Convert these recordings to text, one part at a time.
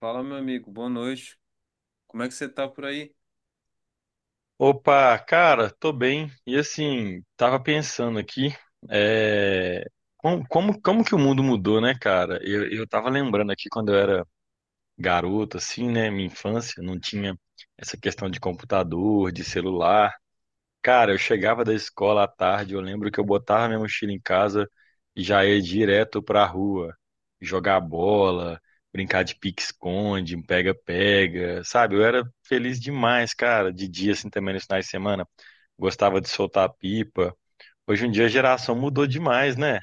Fala, meu amigo, boa noite. Como é que você tá por aí? Opa, cara, tô bem. E assim, tava pensando aqui, é, como que o mundo mudou, né, cara? Eu tava lembrando aqui quando eu era garoto, assim, né, minha infância, não tinha essa questão de computador, de celular. Cara, eu chegava da escola à tarde, eu lembro que eu botava minha mochila em casa e já ia direto pra rua, jogar bola, brincar de pique-esconde, pega-pega, sabe? Eu era feliz demais, cara, de dia, assim, também nos finais de semana gostava de soltar pipa. Hoje em dia a geração mudou demais, né?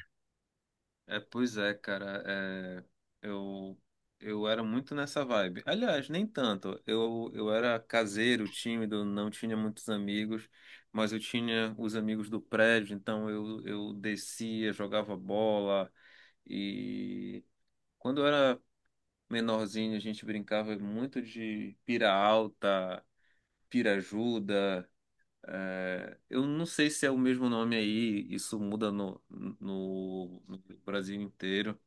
Pois é, cara. eu, eu era muito nessa vibe. Aliás, nem tanto. Eu era caseiro, tímido, não tinha muitos amigos, mas eu tinha os amigos do prédio, então eu descia, jogava bola. E quando eu era menorzinho, a gente brincava muito de pira alta, pira ajuda. É, eu não sei se é o mesmo nome aí, isso muda no Brasil inteiro,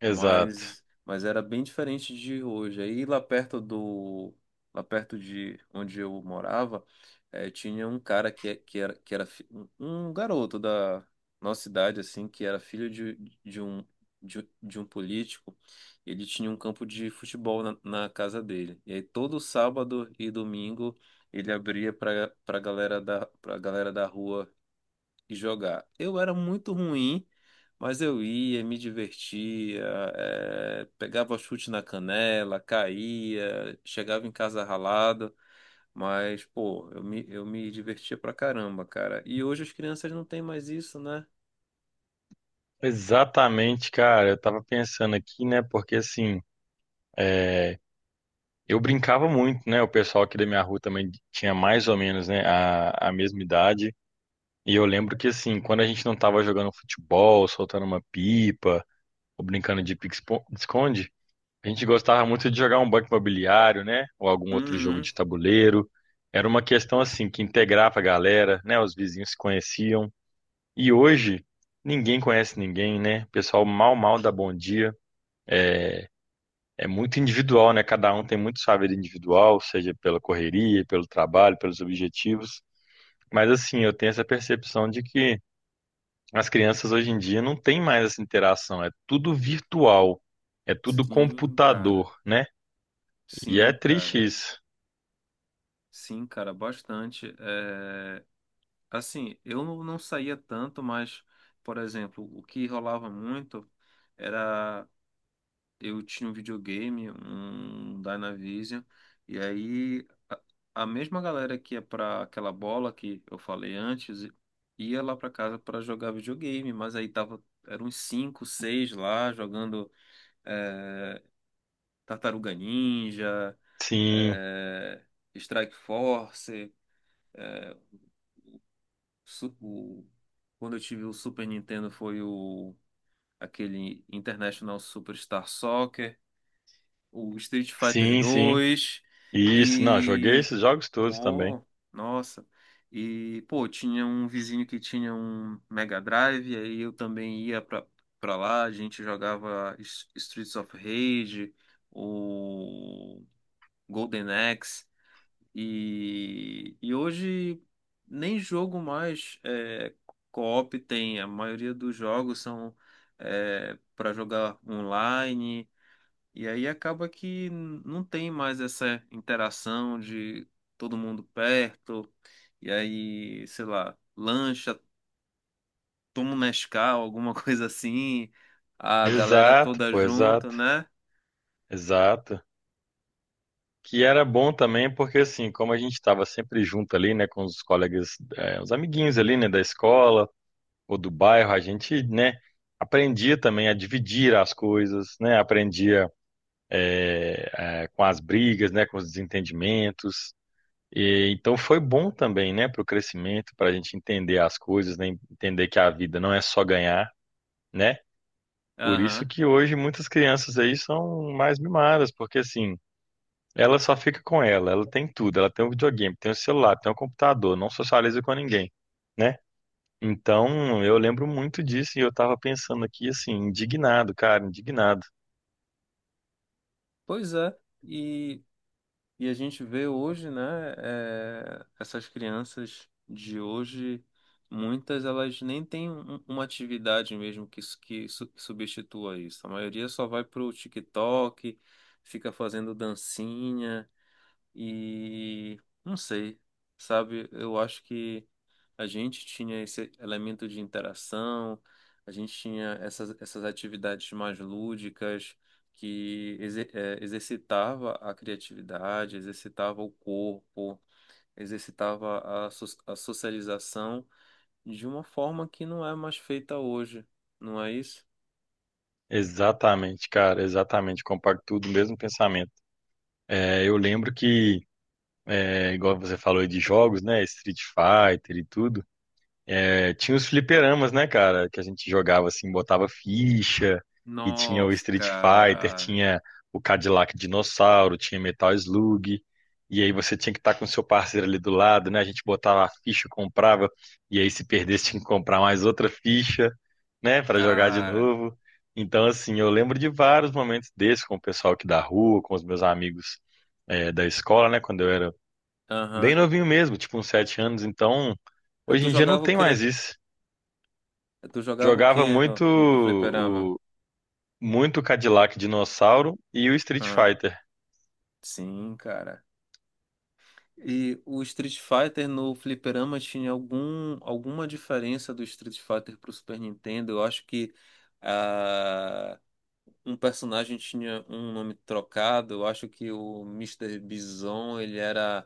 Exato. mas era bem diferente de hoje. Aí lá perto do Lá perto de onde eu morava, tinha um cara que é- que era fi- um garoto da nossa cidade assim, que era filho de, de um de um político. Ele tinha um campo de futebol na, na casa dele. E aí todo sábado e domingo ele abria para galera da rua e jogar. Eu era muito ruim, mas eu ia, me divertia, pegava chute na canela, caía, chegava em casa ralado, mas, pô, eu me divertia pra caramba, cara. E hoje as crianças não têm mais isso, né? Exatamente, cara. Eu tava pensando aqui, né? Porque assim, eu brincava muito, né? O pessoal aqui da minha rua também tinha mais ou menos, né, a mesma idade. E eu lembro que assim, quando a gente não tava jogando futebol, soltando uma pipa, ou brincando de pique-esconde, a gente gostava muito de jogar um banco imobiliário, né? Ou algum outro jogo Uhum. de tabuleiro. Era uma questão assim que integrava a galera, né? Os vizinhos se conheciam. E hoje, ninguém conhece ninguém, né? O pessoal mal, mal dá bom dia. É muito individual, né? Cada um tem muito sua vida individual, seja pela correria, pelo trabalho, pelos objetivos. Mas assim, eu tenho essa percepção de que as crianças hoje em dia não têm mais essa interação. É tudo virtual, é tudo Sim, cara. computador, né? E é Sim, triste cara. isso. Sim, cara, bastante. Assim, eu não saía tanto, mas, por exemplo, o que rolava muito. Era eu tinha um videogame, um Dynavision, e aí a mesma galera que ia pra aquela bola que eu falei antes ia lá pra casa pra jogar videogame, mas aí tava, eram uns 5, 6 lá jogando, é, Tartaruga Ninja, Sim, é, Strike Force, su- o- quando eu tive o Super Nintendo foi o aquele International Superstar Soccer, o Street Fighter sim, sim. 2 Isso, não, joguei e esses jogos todos também. pô, nossa. E pô, tinha um vizinho que tinha um Mega Drive, aí eu também ia pra, pra lá, a gente jogava Streets of Rage, o Golden Axe, e hoje nem jogo mais, co-op tem, a maioria dos jogos são, para jogar online. E aí acaba que não tem mais essa interação de todo mundo perto, e aí, sei lá, lancha, toma um Nescau, alguma coisa assim, a galera Exato, toda pô, junto, exato, né? exato. Que era bom também, porque assim, como a gente estava sempre junto ali, né, com os colegas, os amiguinhos ali, né, da escola ou do bairro, a gente, né, aprendia também a dividir as coisas, né, aprendia com as brigas, né, com os desentendimentos. E, então foi bom também, né, para o crescimento, para a gente entender as coisas, né, entender que a vida não é só ganhar, né? Por isso Aham. que hoje muitas crianças aí são mais mimadas, porque assim ela só fica com ela, ela tem tudo, ela tem o videogame, tem o celular, tem o computador, não socializa com ninguém, né? Então, eu lembro muito disso e eu tava pensando aqui assim, indignado, cara, indignado. Pois é. E a gente vê hoje, né, é, essas crianças de hoje, muitas elas nem têm uma atividade mesmo que substitua isso. A maioria só vai pro TikTok, fica fazendo dancinha e não sei, sabe? Eu acho que a gente tinha esse elemento de interação, a gente tinha essas atividades mais lúdicas que exercitava a criatividade, exercitava o corpo, exercitava a socialização de uma forma que não é mais feita hoje, não é isso? Exatamente, cara, exatamente, comparto tudo, o mesmo pensamento. É, eu lembro que, é, igual você falou aí de jogos, né, Street Fighter e tudo. É, tinha os fliperamas, né, cara? Que a gente jogava assim, botava ficha, e tinha o Nossa, Street Fighter, cara. tinha o Cadillac Dinossauro, tinha Metal Slug, e aí você tinha que estar com o seu parceiro ali do lado, né? A gente botava a ficha, comprava, e aí se perdesse tinha que comprar mais outra ficha, né, para jogar de Cara. novo. Então, assim, eu lembro de vários momentos desses com o pessoal aqui da rua, com os meus amigos, é, da escola, né, quando eu era bem Aham. novinho mesmo, tipo uns sete anos, então. Eh, Hoje Tu em dia não jogava o tem mais quê? isso. Tu jogava o Jogava quê muito no fliperama? o muito Cadillac Dinossauro e o Street Aham. Fighter. Sim, cara. E o Street Fighter no fliperama tinha alguma diferença do Street Fighter pro Super Nintendo? Eu acho que ah, um personagem tinha um nome trocado. Eu acho que o Mister Bison, ele era,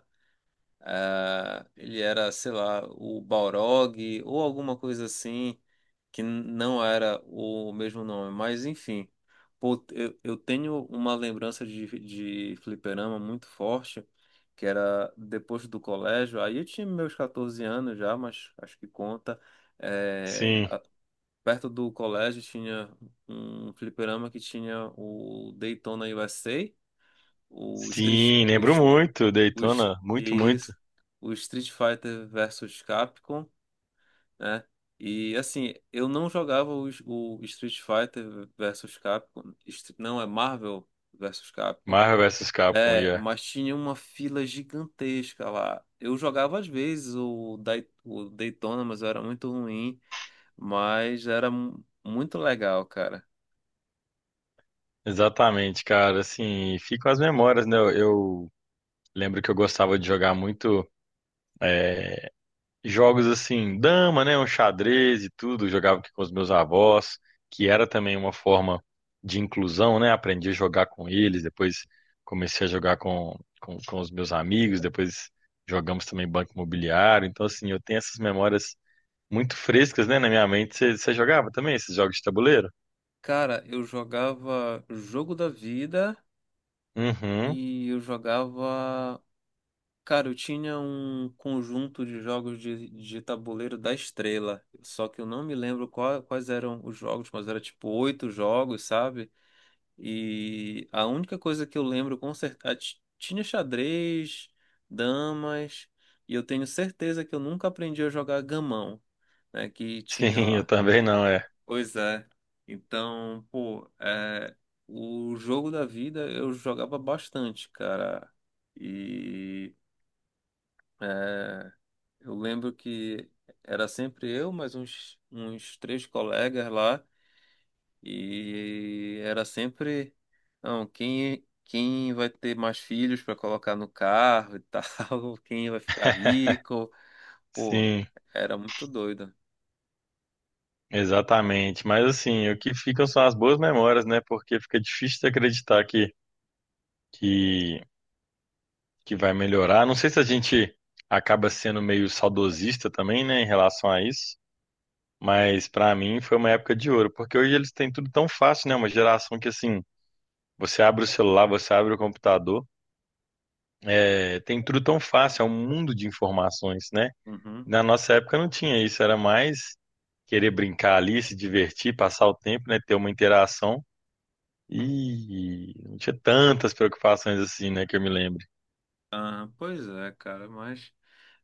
ah, ele era, sei lá, o Balrog ou alguma coisa assim que não era o mesmo nome, mas enfim. Pô, eu tenho uma lembrança de fliperama muito forte, que era depois do colégio, aí eu tinha meus 14 anos já, mas acho que conta. É, Sim. a- Perto do colégio tinha um fliperama que tinha o Daytona USA, o Street, Sim, lembro muito, os, Daytona, muito, muito. isso, o Street Fighter versus Capcom, né? E assim, eu não jogava o Street Fighter versus Capcom, não é Marvel versus Capcom, Marvel vs Capcom, é, yeah. mas tinha uma fila gigantesca lá. Eu jogava às vezes o Daytona, mas eu era muito ruim, mas era muito legal, cara. Exatamente, cara, assim, ficam as memórias, né? Eu lembro que eu gostava de jogar muito jogos assim, dama, né, um xadrez e tudo, eu jogava aqui com os meus avós, que era também uma forma de inclusão, né? Aprendi a jogar com eles, depois comecei a jogar com, com os meus amigos, depois jogamos também banco imobiliário. Então, assim, eu tenho essas memórias muito frescas, né, na minha mente. Você jogava também esses jogos de tabuleiro? Cara, eu jogava Jogo da Vida Uhum. e eu jogava. Cara, eu tinha um conjunto de jogos de tabuleiro da Estrela, só que eu não me lembro quais eram os jogos, mas era tipo oito jogos, sabe? E a única coisa que eu lembro com certeza, tinha xadrez, damas, e eu tenho certeza que eu nunca aprendi a jogar gamão, né? Que tinha Sim, eu lá. também não, é. Pois é. Então, pô, é, o jogo da vida eu jogava bastante, cara. E. É, eu lembro que era sempre eu, mais uns, uns três colegas lá, e era sempre, não, quem, quem vai ter mais filhos para colocar no carro e tal, quem vai ficar rico, pô, Sim, era muito doido. exatamente. Mas assim, o que ficam são as boas memórias, né? Porque fica difícil de acreditar que, que que vai melhorar. Não sei se a gente acaba sendo meio saudosista também, né, em relação a isso, mas pra mim foi uma época de ouro, porque hoje eles têm tudo tão fácil, né? Uma geração que assim, você abre o celular, você abre o computador, é, tem tudo tão fácil, é um mundo de informações, né? Uhum. Na nossa época não tinha isso, era mais querer brincar ali, se divertir, passar o tempo, né, ter uma interação. E não tinha tantas preocupações assim, né, que eu me lembre. Ah, pois é, cara, mas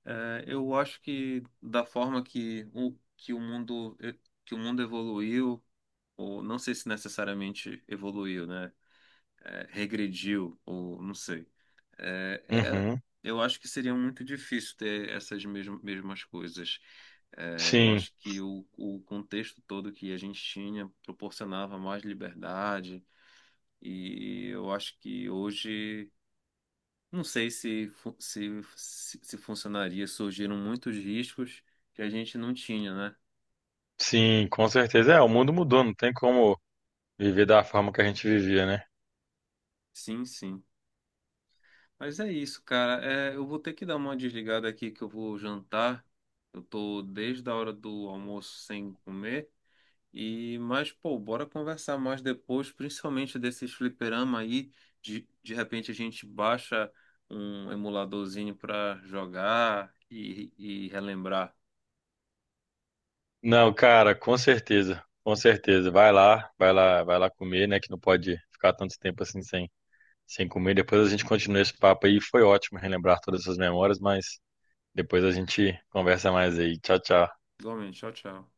é, eu acho que da forma que que o mundo, que o mundo evoluiu, ou não sei se necessariamente evoluiu, né? É, regrediu, ou não sei. É, era, Uhum, eu acho que seria muito difícil ter essas mesmas coisas. É, eu sim. acho que o contexto todo que a gente tinha proporcionava mais liberdade, e eu acho que hoje, não sei se se funcionaria, surgiram muitos riscos que a gente não tinha, né? Sim, com certeza. É, o mundo mudou, não tem como viver da forma que a gente vivia, né? Sim, sim. Mas é isso, cara. É, eu vou ter que dar uma desligada aqui que eu vou jantar. Eu tô desde a hora do almoço sem comer. E, mas, pô, bora conversar mais depois, principalmente desses fliperama aí. De repente a gente baixa um emuladorzinho pra jogar e relembrar. Não, cara, com certeza, com certeza. Vai lá, vai lá, vai lá comer, né? Que não pode ficar tanto tempo assim sem, sem comer. Depois a gente continua esse papo aí. Foi ótimo relembrar todas essas memórias, mas depois a gente conversa mais aí. Tchau, tchau. Igualmente, tchau, tchau.